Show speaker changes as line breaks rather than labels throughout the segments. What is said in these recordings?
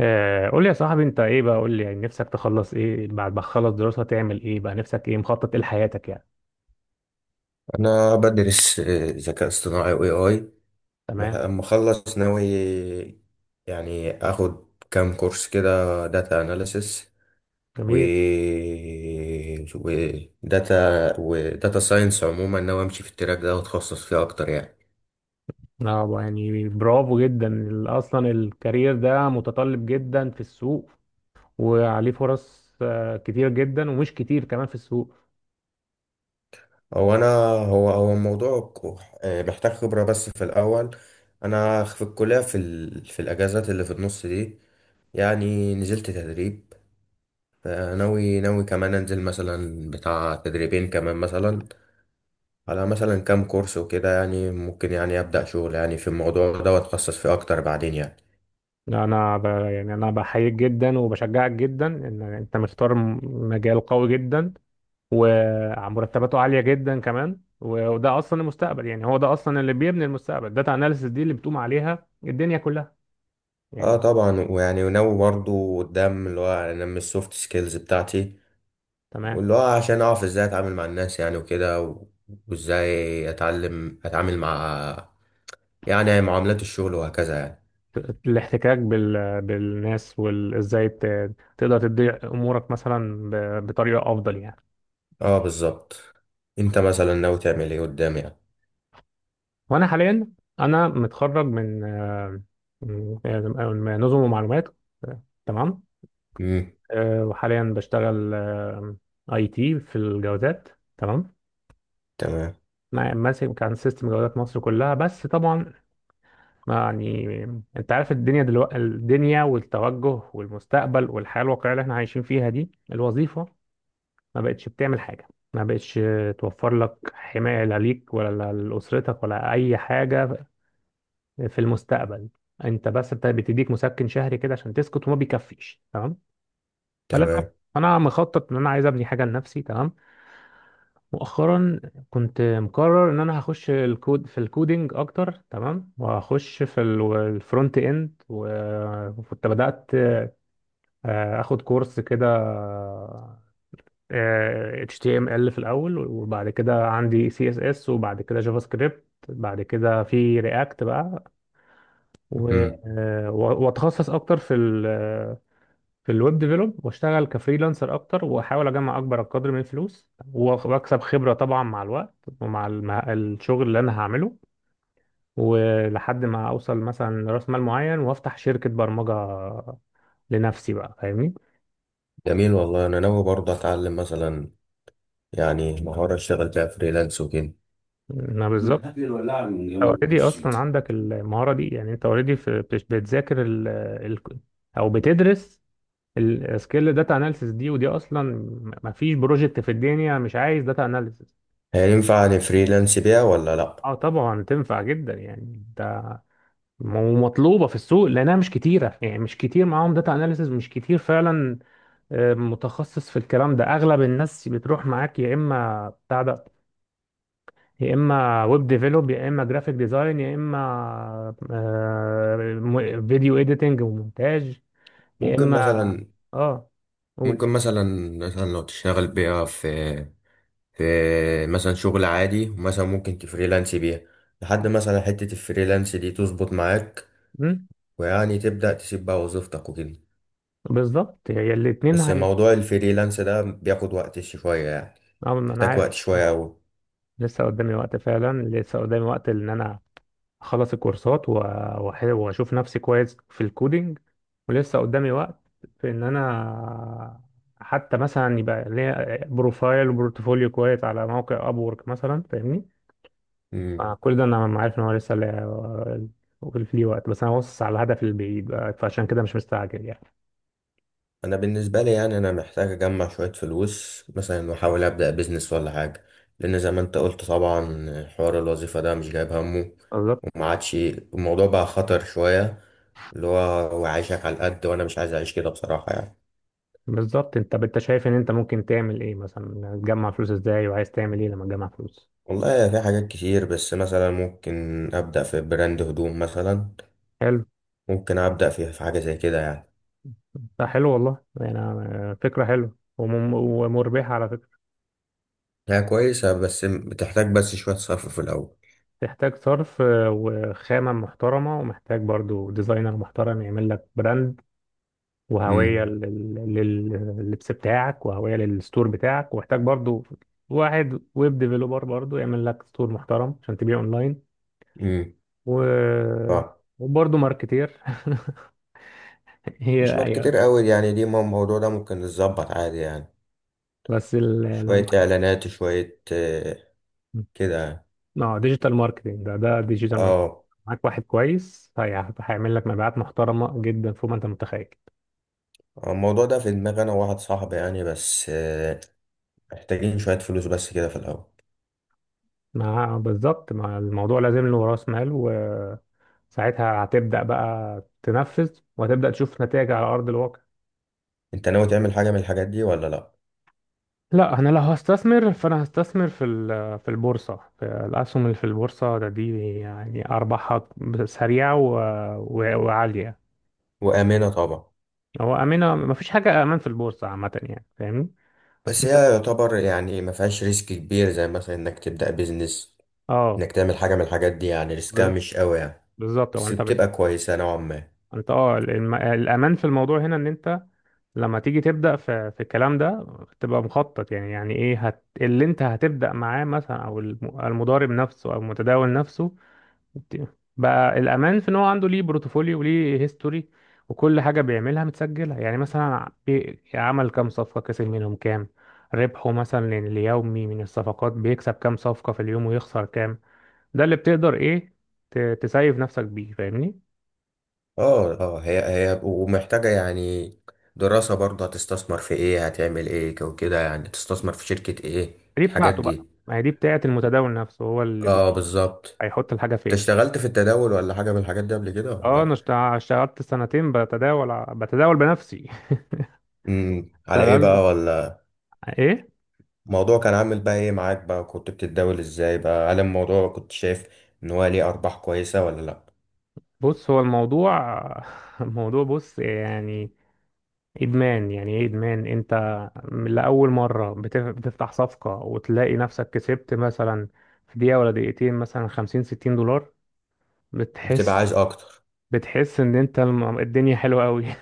قول لي يا صاحبي انت ايه بقى قول لي يعني نفسك تخلص ايه بعد ما تخلص دراسة تعمل ايه بقى نفسك ايه مخطط ايه لحياتك يعني.
انا بدرس ذكاء اصطناعي واي اي.
تمام.
اما اخلص ناوي، يعني اخد كام كورس كده داتا اناليسس و
جميل.
وداتا وداتا ساينس عموما، ناوي امشي في التراك ده واتخصص فيه اكتر يعني.
اه بقى يعني برافو جدا، اصلا الكارير ده متطلب جدا في السوق، وعليه فرص كتير جدا ومش كتير كمان في السوق.
هو انا هو هو الموضوع محتاج خبرة بس في الاول. انا في الكلية في الاجازات اللي في النص دي، يعني نزلت تدريب. ناوي كمان انزل مثلا بتاع تدريبين كمان، مثلا على مثلا كام كورس وكده، يعني ممكن يعني ابدا شغل يعني في الموضوع ده واتخصص فيه اكتر بعدين يعني.
يعني انا بحييك جدا وبشجعك جدا ان انت مختار مجال قوي جدا، ومرتباته عالية جدا كمان، وده أصلا المستقبل، يعني هو ده أصلا اللي بيبني المستقبل. داتا أناليسيس دي اللي بتقوم عليها الدنيا كلها
اه
يعني.
طبعا، ويعني وناوي برضو قدام اللي هو انمي السوفت سكيلز بتاعتي،
تمام.
واللي هو عشان اعرف ازاي اتعامل مع الناس يعني وكده وازاي اتعلم اتعامل مع، يعني، معاملات الشغل وهكذا يعني.
الاحتكاك بالناس، وإزاي تقدر تدي أمورك مثلا بطريقة أفضل يعني.
اه بالظبط. انت مثلا ناوي تعمل ايه قدام يعني؟
وأنا حاليا أنا متخرج من من- من نظم ومعلومات. تمام.
امم.
وحاليا بشتغل اي تي في الجوازات. تمام.
تمام.
ماسك كان سيستم جوازات مصر كلها، بس طبعا يعني انت عارف الدنيا دلوقتي، الدنيا والتوجه والمستقبل والحياة الواقعية اللي احنا عايشين فيها دي، الوظيفة ما بقتش بتعمل حاجة، ما بقتش توفر لك حماية، لا ليك ولا لأسرتك ولا أي حاجة في المستقبل. انت بس بتديك مسكن شهري كده عشان تسكت، وما بيكفيش. تمام. فلا،
تمام.
انا مخطط ان انا عايز ابني حاجة لنفسي. تمام. مؤخرا كنت مقرر ان انا هخش الكود، في الكودينج اكتر. تمام. وهخش في الفرونت اند، وكنت بدات اخد كورس كده HTML في الاول، وبعد كده عندي CSS، وبعد كده جافا سكريبت، بعد كده في رياكت بقى.
مم.
واتخصص اكتر في في الويب ديفلوب، واشتغل كفريلانسر اكتر، واحاول اجمع اكبر قدر من الفلوس، واكسب خبره طبعا مع الوقت، ومع الشغل اللي انا هعمله، ولحد ما اوصل مثلا راس مال معين وافتح شركه برمجه لنفسي بقى، فاهمني.
جميل والله. انا ناوي برضه اتعلم مثلا يعني مهارة اشتغل بيها فريلانس وكده.
انا
ما
بالظبط.
تهدي الولاعة من
انت
جنب
اوريدي
الكرسي.
اصلا عندك المهاره دي، يعني انت اوريدي بتذاكر ال ال او بتدرس السكيل، داتا اناليسيس دي، ودي اصلا ما فيش بروجكت في الدنيا مش عايز داتا اناليسيس.
هينفع اني فريلانس بيها ولا لا؟
اه طبعا تنفع جدا يعني ده، ومطلوبه في السوق لانها مش كتيره، يعني مش كتير معاهم داتا اناليسز، مش كتير فعلا متخصص في الكلام ده. اغلب الناس بتروح معاك يا اما بتاع ده، يا اما ويب ديفلوب، يا اما جرافيك ديزاين، يا اما فيديو اديتنج ومونتاج، يا
ممكن
اما.
مثلا
اه، قول.
ممكن مثلا مثلا لو تشتغل بيها في مثلا شغل عادي، ومثلا ممكن تفريلانس بيها لحد مثلا حتة الفريلانس دي تظبط معاك
مم،
ويعني تبدأ تسيب بقى وظيفتك وكده.
بالظبط، هي الاتنين
بس
هي.
موضوع الفريلانس ده بياخد وقت شوية يعني،
اه ما انا
محتاج
عارف.
وقت شوية أوي.
لسه قدامي وقت فعلا، لسه قدامي وقت ان انا اخلص الكورسات و واشوف نفسي كويس في الكودينج، ولسه قدامي وقت في ان انا حتى مثلا يبقى ليا بروفايل وبورتفوليو كويس على موقع ابورك مثلا، فاهمني. كل ده انا ما عارف ان هو لسه ليه وقت، بس انا باصص على الهدف البعيد بقى، فعشان كده مش مستعجل يعني.
انا بالنسبه لي يعني انا محتاج اجمع شويه فلوس مثلا واحاول ابدا بيزنس ولا حاجه، لان زي ما انت قلت طبعا حوار الوظيفه ده مش جايب همه،
بالظبط.
وما عادش الموضوع بقى خطر شويه، اللي هو هو عايشك على القد وانا مش عايز اعيش كده بصراحه يعني.
بالظبط، انت انت شايف ان انت ممكن تعمل ايه مثلا؟ تجمع فلوس ازاي، وعايز تعمل ايه لما تجمع فلوس؟
والله في حاجات كتير، بس مثلا ممكن ابدا في براند هدوم مثلا،
حلو.
ممكن ابدا في حاجه زي كده يعني.
ده حلو والله يعني، فكرة حلوة ومربحة على فكرة.
هي كويسه بس بتحتاج بس شويه صرف في الاول.
تحتاج صرف وخامة محترمة، ومحتاج برضو ديزاينر محترم يعمل لك براند
امم.
وهوية لللبس بتاعك، وهوية للستور بتاعك، ومحتاج برضو واحد ويب ديفلوبر برضو يعمل لك ستور محترم عشان تبيع اونلاين.
امم.
و... وبرضو ماركتير. هي
مش ماركتير
هي
كتير قوي يعني دي، ما الموضوع ده ممكن يتظبط عادي يعني.
بس ال... لو
شوية إعلانات شوية كده يعني.
اه، ديجيتال ماركتنج ده ديجيتال ماركتنج،
اه.
معاك واحد كويس هيعمل لك مبيعات محترمة جدا فوق ما انت متخيل.
الموضوع ده في دماغي أنا وواحد صاحبي يعني، بس محتاجين شوية فلوس بس كده في الأول.
ما بالظبط، ما الموضوع لازم له راس مال، وساعتها هتبدأ بقى تنفذ، وهتبدأ تشوف نتائج على أرض الواقع.
أنت ناوي تعمل حاجة من الحاجات دي ولا لأ؟
لا، انا لو هستثمر فانا هستثمر في في البورصه، في الاسهم اللي في البورصه ده، دي يعني ارباحها سريعه وعاليه.
وآمنة طبعا.
هو امنه؟ ما فيش حاجه امان في البورصه عامه يعني، فاهمني. بس
بس
انت.
هي يعتبر يعني ما فيهاش ريسك كبير زي مثلا إنك تبدأ بيزنس،
اه.
إنك تعمل حاجة من الحاجات دي يعني ريسكها
ب-
مش قوي يعني.
بالظبط، هو
بس
انت
بتبقى كويسة نوعا ما.
انت اه الامان في الموضوع هنا، ان انت لما تيجي تبدا في في الكلام ده تبقى مخطط، يعني يعني ايه اللي انت هتبدا معاه مثلا؟ او المضارب نفسه او المتداول نفسه ت- بقى الامان في ان هو عنده ليه بروتوفوليو، وليه هيستوري، وكل حاجه بيعملها متسجله، يعني مثلا عمل كام صفقه، كسب منهم كام، ربحه مثلا اليومي من الصفقات، بيكسب كام صفقه في اليوم ويخسر كام. ده اللي بتقدر ايه تسيف نفسك بيه، فاهمني.
اه اه. هي ومحتاجة يعني دراسة برضه، هتستثمر في ايه، هتعمل ايه وكده يعني، تستثمر في شركة ايه،
دي
الحاجات
بتاعته بقى،
دي.
ما هي دي بتاعت المتداول نفسه، هو اللي
اه بالظبط.
هيحط الحاجة
انت
فين.
اشتغلت في التداول ولا حاجة من الحاجات دي قبل كده ولا
اه،
لأ؟
انا اشتغلت سنتين بتداول، بتداول بنفسي.
امم. على ايه بقى
اشتغلت
ولا؟
ايه.
الموضوع كان عامل بقى ايه معاك بقى، كنت بتتداول ازاي بقى، هل الموضوع كنت شايف ان هو ليه ارباح كويسة ولا لا؟
بص هو الموضوع، الموضوع بص يعني ادمان. يعني ايه ادمان؟ انت من لأول مرة بتفتح صفقة وتلاقي نفسك كسبت مثلا في دقيقة ولا دقيقتين مثلا خمسين ستين دولار،
بتبقى
بتحس.
عايز اكتر.
بتحس ان انت الدنيا حلوة قوي.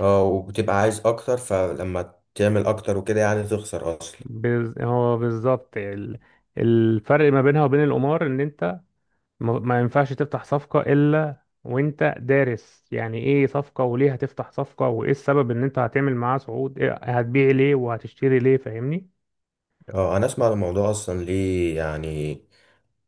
اه وبتبقى عايز اكتر، فلما تعمل اكتر وكده يعني تخسر اصلا.
هو بالظبط الفرق ما بينها وبين القمار ان انت ما ينفعش تفتح صفقة الا وانت دارس، يعني ايه صفقة، وليه هتفتح صفقة، وايه السبب ان انت هتعمل معاه صعود، إيه هتبيع ليه وهتشتري ليه، فاهمني.
اه انا اسمع الموضوع اصلا ليه يعني،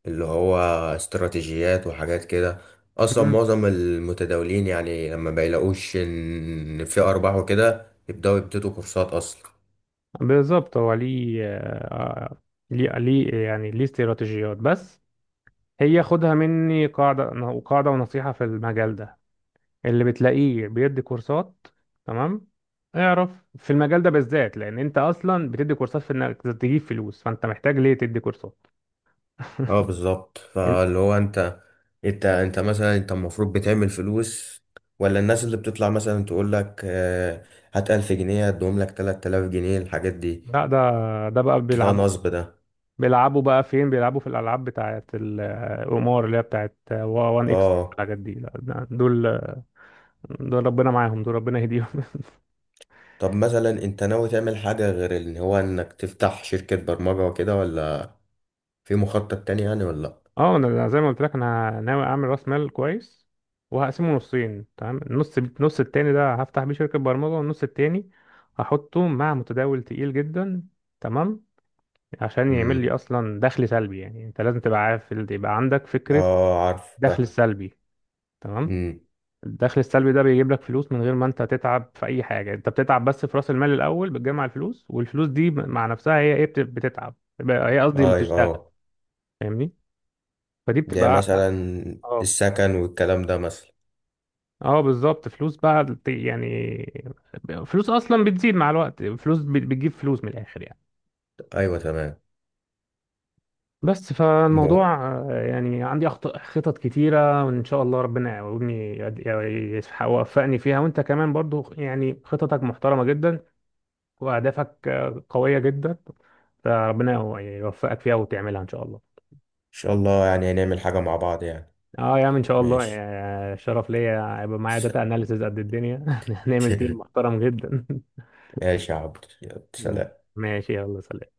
اللي هو استراتيجيات وحاجات كده. اصلا
مم.
معظم المتداولين يعني لما بيلاقوش ان في ارباح وكده يبداوا يبتدوا كورسات اصلا.
بالظبط، هو ليه ليه يعني ليه استراتيجيات بس. هي خدها مني قاعدة، قاعدة ونصيحة في المجال ده. اللي بتلاقيه بيدي كورسات، تمام، اعرف، في المجال ده بالذات، لان انت اصلا بتدي كورسات في انك تجيب فلوس، فانت محتاج ليه تدي كورسات؟
اه بالظبط.
إن-
فاللي هو انت، انت مثلا، انت المفروض بتعمل فلوس ولا الناس اللي بتطلع مثلا تقول لك هات 1000 جنيه هدوم لك 3000 جنيه، الحاجات دي
لا ده، ده بقى
ده نصب ده.
بيلعبوا بقى فين؟ بيلعبوا في الالعاب بتاعت القمار، اللي هي بتاعت وان اكس
اه.
والحاجات دي. لا دول، دول ربنا معاهم، دول ربنا يهديهم.
طب مثلا انت ناوي تعمل حاجة غير ان هو انك تفتح شركة برمجة وكده، ولا في مخطط تاني يعني ولا لأ؟
اه، انا زي ما قلت لك انا ناوي اعمل راس مال كويس، وهقسمه نصين. تمام. النص التاني ده هفتح بيه شركة برمجة، والنص التاني هحطه مع متداول تقيل جدا. تمام. عشان يعمل
مم.
لي اصلا دخل سلبي. يعني انت لازم تبقى عارف، يبقى عندك فكرة،
اه عارف
دخل
بقى.
سلبي. تمام.
امم.
الدخل السلبي ده بيجيب لك فلوس من غير ما انت تتعب في اي حاجة، انت بتتعب بس في راس المال الاول بتجمع الفلوس، والفلوس دي مع نفسها هي ايه بتتعب، هي قصدي اللي
ايوه
بتشتغل،
اه.
فاهمني. فدي
زي
بتبقى.
مثلا
اه.
السكن والكلام ده مثلا.
اه بالظبط، فلوس بقى يعني فلوس اصلا بتزيد مع الوقت، فلوس بتجيب فلوس، من الاخر يعني.
ايوه تمام.
بس
مو ان
فالموضوع يعني عندي خطط كتيرة، وإن شاء الله ربنا يعاوني يوفقني فيها. وأنت كمان برضو يعني خططك محترمة جدا، وأهدافك قوية جدا، فربنا يوفقك فيها وتعملها إن شاء الله.
شاء الله يعني هنعمل حاجه مع بعض يعني.
اه يا عم ان شاء الله،
ماشي.
شرف ليا هيبقى معايا
س-
داتا اناليسز قد الدنيا. هنعمل تيم محترم جدا.
ماشي يا عبد، يلا سلام.
ماشي يلا سلام.